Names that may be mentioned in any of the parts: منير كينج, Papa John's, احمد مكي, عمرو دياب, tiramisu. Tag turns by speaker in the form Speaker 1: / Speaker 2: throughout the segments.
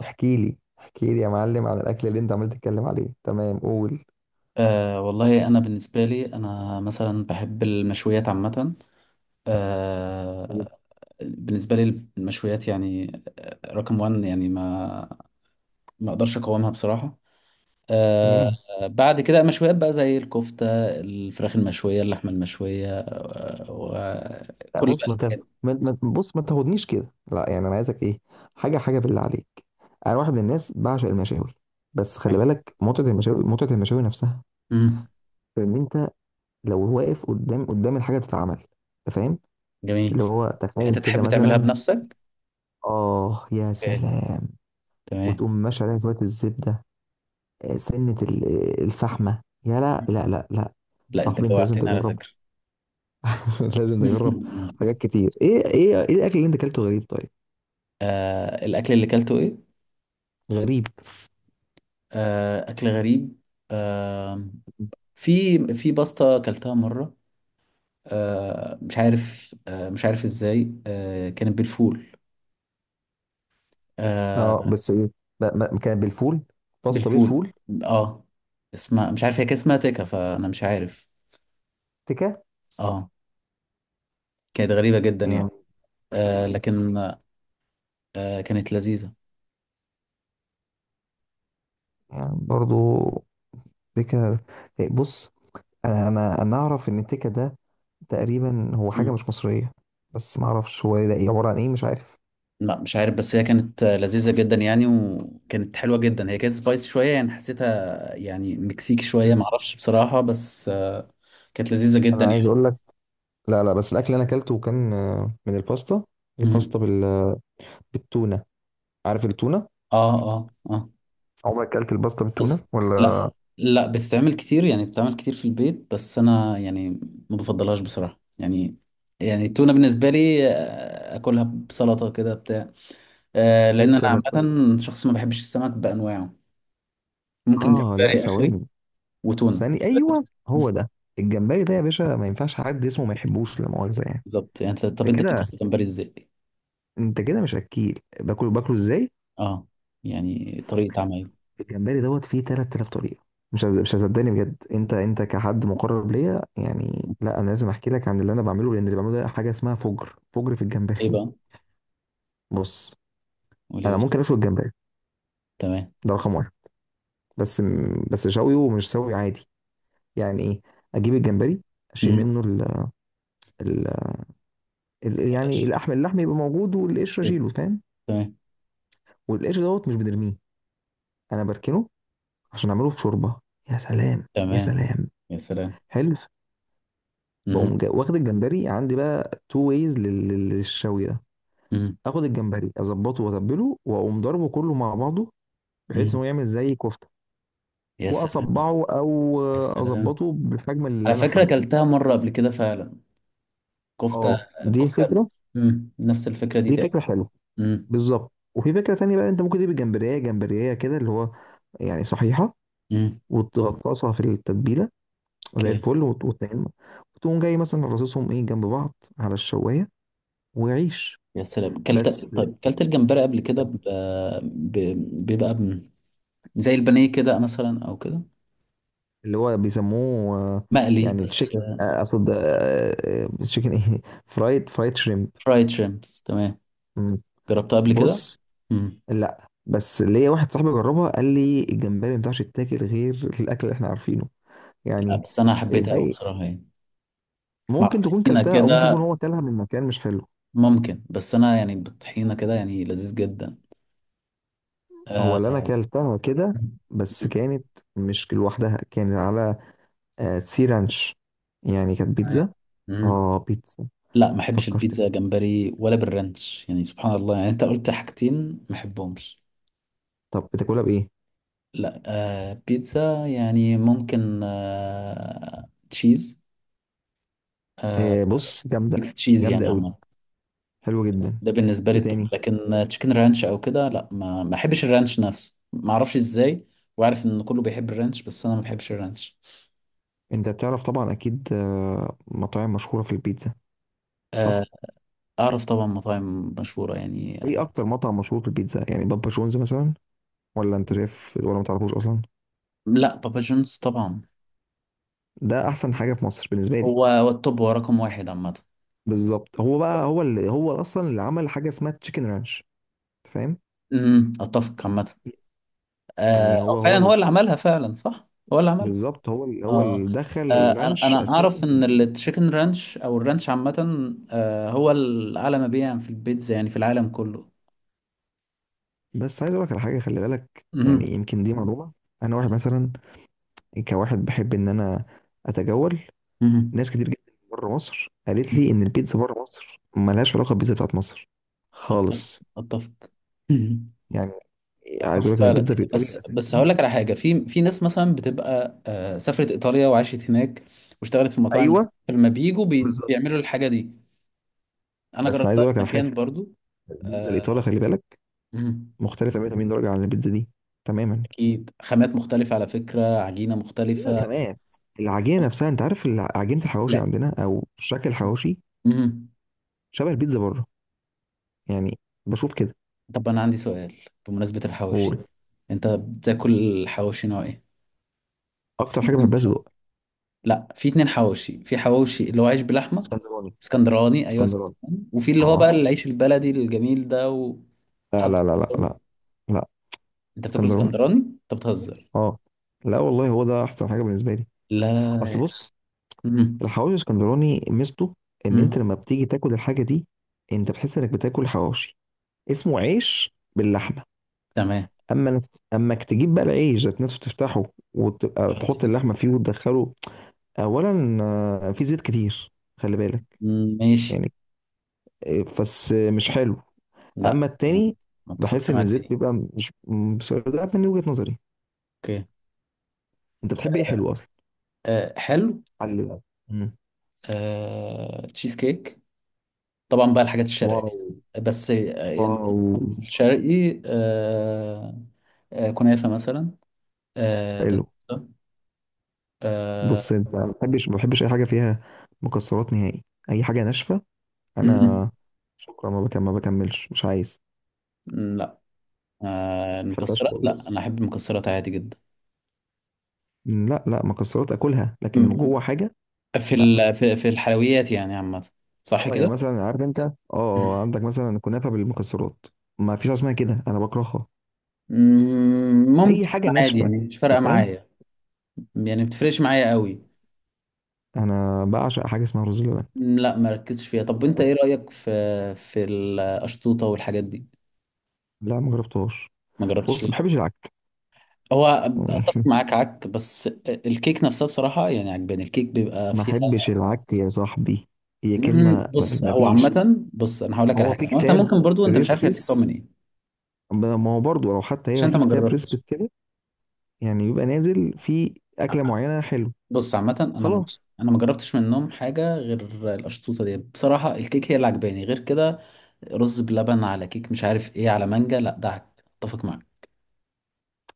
Speaker 1: احكي لي يا معلم عن الاكل اللي انت عمال تتكلم عليه. تمام، قول.
Speaker 2: والله، أنا بالنسبة لي أنا مثلا بحب المشويات عامة. أه بالنسبة لي المشويات يعني رقم وان، يعني ما أقدرش أقاومها بصراحة. أه
Speaker 1: تمام.
Speaker 2: بعد كده مشويات بقى زي الكفتة، الفراخ المشوية، اللحمة المشوية
Speaker 1: لا
Speaker 2: وكل
Speaker 1: بص، ما تاخد.
Speaker 2: الأنواع.
Speaker 1: بص ما تاخدنيش كده. لا يعني انا عايزك ايه حاجه بالله عليك. انا واحد من الناس بعشق المشاوي، بس خلي بالك، متعه المشاوي، نفسها
Speaker 2: مم.
Speaker 1: ان انت لو واقف قدام الحاجه بتتعمل. انت فاهم؟ اللي
Speaker 2: جميل.
Speaker 1: هو
Speaker 2: يعني
Speaker 1: تخيل
Speaker 2: أنت
Speaker 1: كده
Speaker 2: تحب تعملها
Speaker 1: مثلا،
Speaker 2: بنفسك؟
Speaker 1: اه يا
Speaker 2: أوكي،
Speaker 1: سلام،
Speaker 2: تمام.
Speaker 1: وتقوم ماشي عليها شويه الزبده. سنه الفحمه يا، لا لا لا لا.
Speaker 2: لا أنت
Speaker 1: صاحبي انت لازم
Speaker 2: جوعتني على
Speaker 1: تجرب.
Speaker 2: فكرة.
Speaker 1: لازم نجرب حاجات كتير. ايه ايه ايه الاكل اللي انت اكلته غريب؟ طيب
Speaker 2: الأكل اللي كلته إيه؟
Speaker 1: غريب،
Speaker 2: أكل غريب. آه، في باستا أكلتها مرة، مش عارف إزاي، كانت بالفول،
Speaker 1: اه
Speaker 2: آه،
Speaker 1: بس ايه. كان بالفول، باستا
Speaker 2: بالفول.
Speaker 1: بالفول.
Speaker 2: اه اسمها مش عارف، هي كان اسمها تيكا، فأنا مش عارف
Speaker 1: تكه.
Speaker 2: اه كانت غريبة جدا يعني.
Speaker 1: يعني
Speaker 2: لكن كانت لذيذة.
Speaker 1: يعني برضو تكه؟ إيه، بص، انا اعرف ان التكه ده تقريبا هو حاجه
Speaker 2: مم.
Speaker 1: مش مصريه، بس ما اعرفش هو ده إيه، عباره عن ايه، مش عارف.
Speaker 2: لا مش عارف، بس هي كانت لذيذة جدا يعني، وكانت حلوة جدا، هي كانت سبايسي شوية، يعني حسيتها يعني مكسيكي شوية،
Speaker 1: مم.
Speaker 2: معرفش بصراحة، بس كانت لذيذة جدا
Speaker 1: انا عايز
Speaker 2: يعني.
Speaker 1: اقول لك، لا لا بس الاكل اللي انا اكلته كان آه، من الباستا،
Speaker 2: مم.
Speaker 1: الباستا بال... بالتونه. عارف التونه؟
Speaker 2: اه، اه، اه.
Speaker 1: عمرك اكلت الباستا بالتونه
Speaker 2: بس لا،
Speaker 1: ولا؟
Speaker 2: لا، بتتعمل كتير يعني، بتتعمل كتير في البيت، بس انا يعني ما بفضلهاش بصراحة يعني التونة بالنسبة لي اكلها بسلطة كده بتاع.
Speaker 1: ايه
Speaker 2: لان انا
Speaker 1: السبب؟
Speaker 2: عامة شخص ما بحبش السمك بانواعه. ممكن
Speaker 1: اه لا
Speaker 2: جمبري اخري
Speaker 1: ثواني،
Speaker 2: وتونة.
Speaker 1: ثاني، ايوه هو ده. الجمبري ده يا باشا ما ينفعش حد اسمه ما يحبوش لا مؤاخذه يعني.
Speaker 2: بالظبط، يعني طب
Speaker 1: انت
Speaker 2: انت
Speaker 1: كده
Speaker 2: بتاكل جمبري ازاي؟
Speaker 1: انت كده مش اكيل، باكله ازاي
Speaker 2: اه، يعني طريقة عمل،
Speaker 1: الجمبري دوت فيه 3000 طريقه. مش هصدقني بجد. انت كحد مقرب ليا يعني، لا انا لازم احكي لك عن اللي انا بعمله، لان اللي بعمله ده حاجه اسمها فجر في الجمبري.
Speaker 2: ايه بقى؟
Speaker 1: بص،
Speaker 2: قولي يا
Speaker 1: انا
Speaker 2: باشا.
Speaker 1: ممكن اشوي الجمبري،
Speaker 2: تمام.
Speaker 1: ده رقم واحد. بس بس شويه، ومش شوي عادي. يعني ايه؟ اجيب الجمبري، اشيل
Speaker 2: مم.
Speaker 1: منه يعني
Speaker 2: بلاش.
Speaker 1: اللحم، يبقى موجود، والقشر
Speaker 2: إيه؟
Speaker 1: اشيله. فاهم؟
Speaker 2: تمام.
Speaker 1: والقشر دوت مش بنرميه، انا بركنه عشان اعمله في شوربه. يا سلام، يا
Speaker 2: تمام.
Speaker 1: سلام.
Speaker 2: يا سلام.
Speaker 1: حلو. بقوم
Speaker 2: مم.
Speaker 1: واخد الجمبري عندي بقى تو ويز للشوي ده.
Speaker 2: مم.
Speaker 1: اخد الجمبري، اظبطه، واتبله، واقوم ضربه كله مع بعضه، بحيث
Speaker 2: مم.
Speaker 1: انه يعمل زي كفته،
Speaker 2: يا سلام،
Speaker 1: واصبعه او
Speaker 2: يا سلام.
Speaker 1: اظبطه بالحجم
Speaker 2: على
Speaker 1: اللي انا
Speaker 2: فكرة
Speaker 1: حابه.
Speaker 2: أكلتها مرة قبل كده فعلا، كفتة.
Speaker 1: اه دي
Speaker 2: كفتة.
Speaker 1: فكره،
Speaker 2: نفس الفكرة دي
Speaker 1: دي
Speaker 2: تقريبا.
Speaker 1: فكره حلوه.
Speaker 2: امم.
Speaker 1: بالظبط. وفي فكره تانية بقى، انت ممكن تجيب الجمبريه كده اللي هو يعني صحيحه،
Speaker 2: امم،
Speaker 1: وتغطسها في التتبيله زي
Speaker 2: اوكي،
Speaker 1: الفل، وتنعمها وتقوم جاي مثلا رصصهم ايه جنب بعض على الشوايه وعيش.
Speaker 2: يا سلام كلت.
Speaker 1: بس
Speaker 2: طيب، كلت الجمبري قبل كده
Speaker 1: بس
Speaker 2: ب... بيبقى زي البانيه كده مثلا، أو كده
Speaker 1: اللي هو بيسموه آه،
Speaker 2: مقلي
Speaker 1: يعني
Speaker 2: بس.
Speaker 1: تشيكن اقصد، تشيكن ايه فرايد، شريمب
Speaker 2: فرايد شريمبس، تمام.
Speaker 1: مم.
Speaker 2: جربتها قبل كده.
Speaker 1: بص،
Speaker 2: امم
Speaker 1: لا بس ليا واحد صاحبي جربها، قال لي الجمبري ما ينفعش يتاكل غير الاكل اللي احنا عارفينه
Speaker 2: لا،
Speaker 1: يعني.
Speaker 2: بس أنا حبيتها أوي
Speaker 1: الباقي
Speaker 2: بصراحة يعني، مع
Speaker 1: ممكن تكون
Speaker 2: الطحينة
Speaker 1: كلتها، او ممكن يكون
Speaker 2: كده.
Speaker 1: هو كلها من مكان مش حلو.
Speaker 2: ممكن، بس أنا يعني بالطحينة كده يعني لذيذ جدا.
Speaker 1: هو اللي انا
Speaker 2: آه...
Speaker 1: اكلتها كده،
Speaker 2: مم.
Speaker 1: بس
Speaker 2: مم.
Speaker 1: كانت مش لوحدها، كانت على آه، سي رانش، يعني كانت
Speaker 2: تمام.
Speaker 1: بيتزا.
Speaker 2: مم.
Speaker 1: اه بيتزا،
Speaker 2: لا ما احبش
Speaker 1: فكرت في
Speaker 2: البيتزا
Speaker 1: بيتزا.
Speaker 2: جمبري ولا بالرانش، يعني سبحان الله، يعني انت قلت حاجتين ما احبهمش.
Speaker 1: طب بتاكلها بايه؟
Speaker 2: لا، بيتزا يعني ممكن تشيز، آه
Speaker 1: آه بص، جامده،
Speaker 2: ميكس تشيز
Speaker 1: جامده
Speaker 2: يعني
Speaker 1: قوي،
Speaker 2: عموما.
Speaker 1: حلوه جدا.
Speaker 2: ده بالنسبه لي
Speaker 1: ايه تاني؟
Speaker 2: التوب. لكن تشيكن رانش او كده، لا، ما احبش الرانش نفسه، ما اعرفش ازاي. وعارف ان كله بيحب الرانش، بس انا ما بحبش الرانش.
Speaker 1: انت بتعرف طبعا اكيد آه، مطاعم مشهوره في البيتزا،
Speaker 2: آه
Speaker 1: صح؟
Speaker 2: اعرف طبعا مطاعم مشهوره يعني.
Speaker 1: ايه اكتر مطعم مشهور في البيتزا؟ يعني بابا جونز مثلا، ولا انت شايف، ولا ما تعرفوش اصلا؟
Speaker 2: لا، بابا جونز طبعا.
Speaker 1: ده احسن حاجه في مصر بالنسبه لي.
Speaker 2: هو التوب، هو رقم واحد عامه.
Speaker 1: بالظبط، هو اللي هو اصلا اللي عمل حاجه اسمها تشيكن رانش. فاهم؟
Speaker 2: اتفق عامه.
Speaker 1: يعني
Speaker 2: أو
Speaker 1: هو
Speaker 2: فعلا هو
Speaker 1: اللي
Speaker 2: اللي عملها فعلا، صح. هو اللي عملها.
Speaker 1: بالظبط، هو
Speaker 2: اه
Speaker 1: اللي دخل
Speaker 2: انا
Speaker 1: الرانش
Speaker 2: أنا
Speaker 1: اساسا.
Speaker 2: اعرف ان التشيكن رانش او الرانش عامه هو الاعلى مبيعا في البيتزا يعني في العالم كله.
Speaker 1: بس عايز اقول لك على حاجه، خلي بالك، يعني
Speaker 2: مهم.
Speaker 1: يمكن دي معلومه. انا واحد مثلا، كواحد بحب ان انا اتجول.
Speaker 2: مهم.
Speaker 1: ناس كتير جدا بره مصر قالت لي ان البيتزا بره مصر ملهاش علاقه بالبيتزا بتاعت مصر
Speaker 2: اتفق.
Speaker 1: خالص.
Speaker 2: اتفق. مهم.
Speaker 1: يعني عايز
Speaker 2: اتفق
Speaker 1: اقول لك ان
Speaker 2: فعلا،
Speaker 1: البيتزا في
Speaker 2: بس
Speaker 1: ايطاليا
Speaker 2: بس
Speaker 1: اساسا،
Speaker 2: هقول لك على حاجه. في ناس مثلا بتبقى سافرت ايطاليا وعاشت هناك واشتغلت في مطاعم،
Speaker 1: ايوه،
Speaker 2: لما بيجوا
Speaker 1: بالظبط.
Speaker 2: بيعملوا الحاجه دي. انا
Speaker 1: بس عايز
Speaker 2: جربتها في
Speaker 1: اقول لك على حاجه،
Speaker 2: مكان برضو.
Speaker 1: البيتزا الايطاليه خلي بالك
Speaker 2: مهم.
Speaker 1: مختلفه 180 درجه عن البيتزا دي تماما.
Speaker 2: اكيد خامات مختلفة على فكرة، عجينة مختلفة.
Speaker 1: الخامات، العجينه نفسها، انت عارف عجينه الحواوشي
Speaker 2: لا.
Speaker 1: عندنا، او شكل الحواوشي،
Speaker 2: امم.
Speaker 1: شبه البيتزا بره يعني. بشوف كده
Speaker 2: طب انا عندي سؤال، بمناسبة الحواوشي،
Speaker 1: واكتر.
Speaker 2: انت بتاكل حواوشي نوع ايه؟ في
Speaker 1: حاجه
Speaker 2: اتنين
Speaker 1: بحبها
Speaker 2: حواوشي.
Speaker 1: صدق،
Speaker 2: لا، في اتنين حواوشي، في حواوشي اللي هو عيش بلحمة،
Speaker 1: اسكندراني.
Speaker 2: اسكندراني، ايوه،
Speaker 1: اسكندراني
Speaker 2: اسكندراني. وفي
Speaker 1: اه
Speaker 2: اللي هو
Speaker 1: آه.
Speaker 2: بقى العيش البلدي الجميل ده
Speaker 1: لا
Speaker 2: وتحط
Speaker 1: لا
Speaker 2: في
Speaker 1: لا لا
Speaker 2: الفرن.
Speaker 1: لا، لا
Speaker 2: انت بتاكل
Speaker 1: اسكندراني،
Speaker 2: اسكندراني؟ انت بتهزر.
Speaker 1: اه. لا والله هو ده احسن حاجه بالنسبه لي.
Speaker 2: لا.
Speaker 1: اصل بص،
Speaker 2: امم.
Speaker 1: الحواوشي الاسكندراني ميزته ان انت
Speaker 2: امم.
Speaker 1: لما بتيجي تاكل الحاجه دي، انت بتحس انك بتاكل حواوشي، اسمه عيش باللحمه.
Speaker 2: تمام.
Speaker 1: اما انك، اما انك تجيب بقى العيش ذات نفسه، تفتحه، وتبقى
Speaker 2: حط
Speaker 1: تحط
Speaker 2: فيه.
Speaker 1: اللحمه فيه وتدخله. اولا آه، في زيت كتير، خلي بالك،
Speaker 2: مم، ماشي.
Speaker 1: يعني آه، بس آه، مش حلو.
Speaker 2: لا،
Speaker 1: اما
Speaker 2: ما
Speaker 1: التاني،
Speaker 2: ما اتفقش
Speaker 1: بحس ان
Speaker 2: معاك في
Speaker 1: الزيت
Speaker 2: دي.
Speaker 1: بيبقى مش بس ده من وجهة نظري.
Speaker 2: اوكي.
Speaker 1: انت بتحب ايه حلو اصلا؟
Speaker 2: حلو.
Speaker 1: حلو بقى. مم.
Speaker 2: تشيز كيك، طبعا بقى الحاجات الشرقية.
Speaker 1: واو،
Speaker 2: بس يعني
Speaker 1: واو،
Speaker 2: الشرقي، كنافة مثلا بس
Speaker 1: حلو.
Speaker 2: آه،
Speaker 1: بص، انت ما بحبش، ما بحبش اي حاجه فيها مكسرات نهائي، اي حاجه ناشفه.
Speaker 2: مم.
Speaker 1: انا شكرا، ما بكمل، ما بكملش مش عايز.
Speaker 2: مم. لا.
Speaker 1: ما بحبهاش
Speaker 2: المكسرات، لا
Speaker 1: خالص.
Speaker 2: أنا أحب المكسرات عادي جدا.
Speaker 1: لا لا، مكسرات اكلها لكن
Speaker 2: مم.
Speaker 1: جوه حاجه.
Speaker 2: في الحلويات يعني عامة، صح
Speaker 1: اه يعني
Speaker 2: كده؟
Speaker 1: مثلا عارف انت، اه
Speaker 2: مم.
Speaker 1: آه، عندك مثلا كنافه بالمكسرات، ما فيش حاجه اسمها كده، انا بكرهها.
Speaker 2: مم،
Speaker 1: اي
Speaker 2: ممكن.
Speaker 1: حاجه
Speaker 2: عادي
Speaker 1: ناشفه،
Speaker 2: يعني، مش فارقة
Speaker 1: انت فاهم.
Speaker 2: معايا، يعني بتفرقش معايا قوي.
Speaker 1: انا بعشق حاجه اسمها رز بلبن.
Speaker 2: مم، لا مركزش فيها. طب وانت ايه رأيك في القشطوطة والحاجات دي؟
Speaker 1: لا ما جربتهاش.
Speaker 2: ما جربتش
Speaker 1: بص، ما بحبش العك
Speaker 2: هو
Speaker 1: يعني.
Speaker 2: اتفق معاك عك، بس الكيك نفسها بصراحه يعني عجباني، الكيك بيبقى
Speaker 1: ما
Speaker 2: فيها.
Speaker 1: بحبش العك يا صاحبي، هي
Speaker 2: مم.
Speaker 1: كلمه ما
Speaker 2: بص
Speaker 1: ما
Speaker 2: هو
Speaker 1: فيش.
Speaker 2: عامه، بص انا هقول لك على
Speaker 1: هو في
Speaker 2: حاجه، هو انت
Speaker 1: كتاب
Speaker 2: ممكن برضو، انت مش عارف هي بتتكون
Speaker 1: ريسبيس،
Speaker 2: من ايه،
Speaker 1: ما ما هو برضو لو حتى
Speaker 2: عشان
Speaker 1: هي
Speaker 2: انت
Speaker 1: في
Speaker 2: ما
Speaker 1: كتاب
Speaker 2: جربتش.
Speaker 1: ريسبيس كده، يعني بيبقى نازل في اكله معينه حلو.
Speaker 2: بص عامه،
Speaker 1: خلاص،
Speaker 2: انا ما جربتش منهم حاجه غير القشطوطه دي بصراحه. الكيك هي اللي عجباني، غير كده رز بلبن على كيك، مش عارف ايه، على مانجا، لا ده عك، اتفق معاك.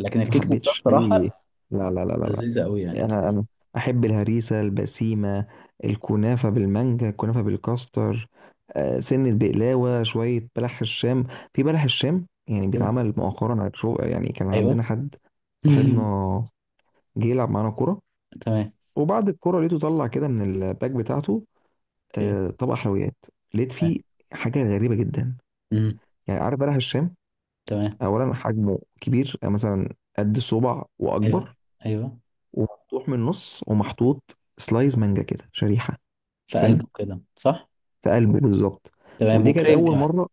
Speaker 2: لكن
Speaker 1: ما
Speaker 2: الكيك نفسها
Speaker 1: حبيتش اي.
Speaker 2: بصراحه
Speaker 1: لا لا لا لا.
Speaker 2: لذيذه قوي يعني.
Speaker 1: انا احب الهريسه البسيمه، الكنافه بالمانجا، الكنافه بالكاستر، آه، سنه بقلاوه، شويه بلح الشام. في بلح الشام يعني
Speaker 2: ايوه،
Speaker 1: بيتعمل مؤخرا على شو. يعني كان عندنا
Speaker 2: ايوه.
Speaker 1: حد صاحبنا جه يلعب معانا كوره،
Speaker 2: تمام.
Speaker 1: وبعد الكوره لقيته طلع كده من الباك بتاعته
Speaker 2: اوكي.
Speaker 1: آه، طبق حلويات. لقيت
Speaker 2: تمام.
Speaker 1: فيه حاجه غريبه جدا.
Speaker 2: مم.
Speaker 1: يعني عارف بلح الشام،
Speaker 2: تمام.
Speaker 1: اولا حجمه كبير، يعني مثلا قد الصبع
Speaker 2: ايوه،
Speaker 1: واكبر،
Speaker 2: ايوه،
Speaker 1: ومفتوح من النص، ومحطوط سلايز مانجا كده، شريحه.
Speaker 2: في
Speaker 1: أنت فاهم؟
Speaker 2: قلبه كده، صح.
Speaker 1: في قلبه بالظبط،
Speaker 2: تمام،
Speaker 1: ودي كانت
Speaker 2: وكريم
Speaker 1: اول
Speaker 2: كمان.
Speaker 1: مره.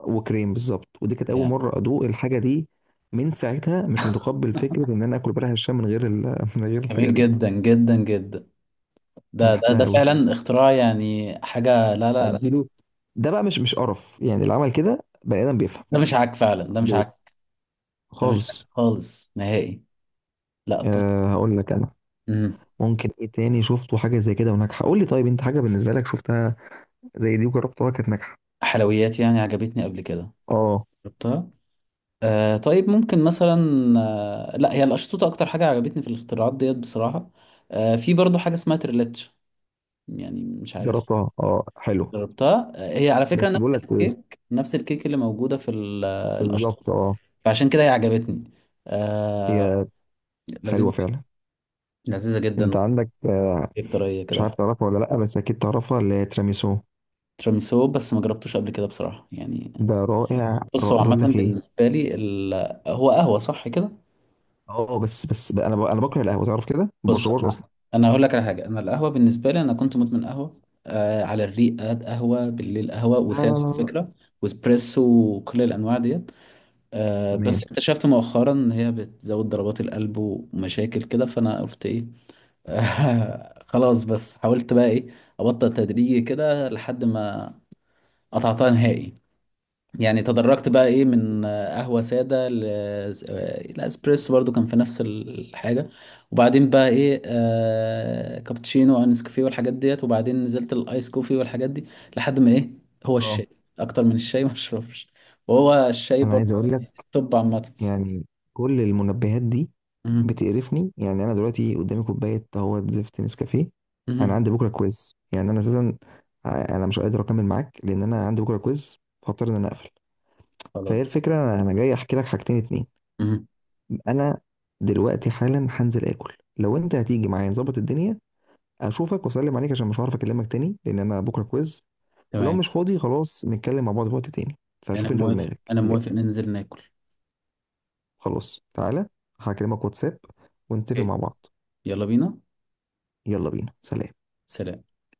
Speaker 1: وكريم، بالظبط، ودي كانت اول
Speaker 2: يعني
Speaker 1: مره ادوق الحاجه دي. من ساعتها مش متقبل فكره ان انا اكل بلح الشام من غير ال... من غير الحاجه
Speaker 2: جميل
Speaker 1: دي.
Speaker 2: جدا جدا جدا.
Speaker 1: انا
Speaker 2: ده ده
Speaker 1: بحبها
Speaker 2: ده
Speaker 1: قوي،
Speaker 2: فعلا اختراع، يعني حاجة، لا، لا، لا،
Speaker 1: اديله. ده بقى مش مش قرف يعني، اللي عمل كده بني ادم بيفهم
Speaker 2: ده مش عك فعلا، ده مش
Speaker 1: حدود
Speaker 2: عك، ده مش عك
Speaker 1: خالص.
Speaker 2: خالص نهائي. لا
Speaker 1: أه هقول لك انا،
Speaker 2: مم.
Speaker 1: ممكن ايه تاني شفته حاجه زي كده وناجحه؟ قول لي طيب، انت حاجه بالنسبه لك شفتها زي دي وجربتها كانت ناجحه؟
Speaker 2: حلويات يعني عجبتني قبل كده،
Speaker 1: اه
Speaker 2: جربتها. طيب ممكن مثلا، لا، هي الأشطوطة أكتر حاجة عجبتني في الاختراعات ديت بصراحة. في برضو حاجة اسمها تريلاتش، يعني مش عارف.
Speaker 1: جربتها اه، حلو،
Speaker 2: جربتها، هي على فكرة
Speaker 1: بس بقول لك
Speaker 2: نفس
Speaker 1: كويس.
Speaker 2: الكيك، اللي موجودة في
Speaker 1: بالظبط
Speaker 2: الأشطوطة،
Speaker 1: اه،
Speaker 2: فعشان كده هي عجبتني. آه...
Speaker 1: هي حلوه
Speaker 2: لذيذة جدا،
Speaker 1: فعلا.
Speaker 2: لذيذة
Speaker 1: انت
Speaker 2: جدا،
Speaker 1: عندك آه،
Speaker 2: كيك طرية
Speaker 1: مش عارف
Speaker 2: كده.
Speaker 1: تعرفها ولا لا، بس اكيد تعرفها، اللي هي تيراميسو.
Speaker 2: تيراميسو بس ما جربتوش قبل كده بصراحة يعني.
Speaker 1: ده رائع
Speaker 2: بص هو
Speaker 1: رائع،
Speaker 2: عامة
Speaker 1: بقول لك ايه.
Speaker 2: بالنسبة لي هو قهوة صح كده.
Speaker 1: اه بس بس بقى انا بكره القهوه تعرف كده، ما
Speaker 2: بص
Speaker 1: بشربهاش اصلا.
Speaker 2: أنا هقول لك على حاجة، أنا القهوة بالنسبة لي أنا كنت مدمن قهوة على الريق، قهوة بالليل، قهوة
Speaker 1: لا
Speaker 2: وسادة
Speaker 1: لا لا
Speaker 2: على
Speaker 1: لا.
Speaker 2: فكرة، واسبريسو، وكل الأنواع ديت. بس
Speaker 1: تمام.
Speaker 2: اكتشفت مؤخرا ان هي بتزود ضربات القلب ومشاكل كده، فانا قلت ايه. خلاص، بس حاولت بقى ايه، ابطل تدريجي كده لحد ما قطعتها نهائي. يعني تدرجت بقى ايه، من قهوة سادة الاسبريسو، برضو كان في نفس الحاجة. وبعدين بقى ايه كابتشينو وانس كوفي والحاجات ديت. وبعدين نزلت الايس كوفي والحاجات دي لحد ما ايه، هو
Speaker 1: اه،
Speaker 2: الشاي. اكتر من الشاي ما اشربش. وهو الشاي
Speaker 1: انا
Speaker 2: برضو،
Speaker 1: عايز اقول لك،
Speaker 2: يعني التوب عامة.
Speaker 1: يعني كل المنبهات دي
Speaker 2: مم.
Speaker 1: بتقرفني يعني. انا دلوقتي قدامي كوبايه اهوت زفت نسكافيه. انا
Speaker 2: مم.
Speaker 1: عندي بكره كويز، يعني انا اساسا انا مش قادر اكمل معاك، لان انا عندي بكره كويز، فاضطر ان انا اقفل. فهي
Speaker 2: خلاص.
Speaker 1: الفكره انا، جاي احكي لك حاجتين اتنين.
Speaker 2: مم.
Speaker 1: انا دلوقتي حالا هنزل اكل، لو انت هتيجي معايا نظبط الدنيا، اشوفك واسلم عليك، عشان مش هعرف اكلمك تاني لان انا بكره كويز. ولو
Speaker 2: تمام.
Speaker 1: مش فاضي، خلاص نتكلم مع بعض في وقت تاني.
Speaker 2: انا
Speaker 1: فشوف انت
Speaker 2: موافق،
Speaker 1: ودماغك.
Speaker 2: انا موافق، ننزل ناكل.
Speaker 1: خلاص تعالى، هكلمك واتساب ونتفق
Speaker 2: حلو.
Speaker 1: مع بعض.
Speaker 2: يلا بينا،
Speaker 1: يلا بينا، سلام.
Speaker 2: سلام.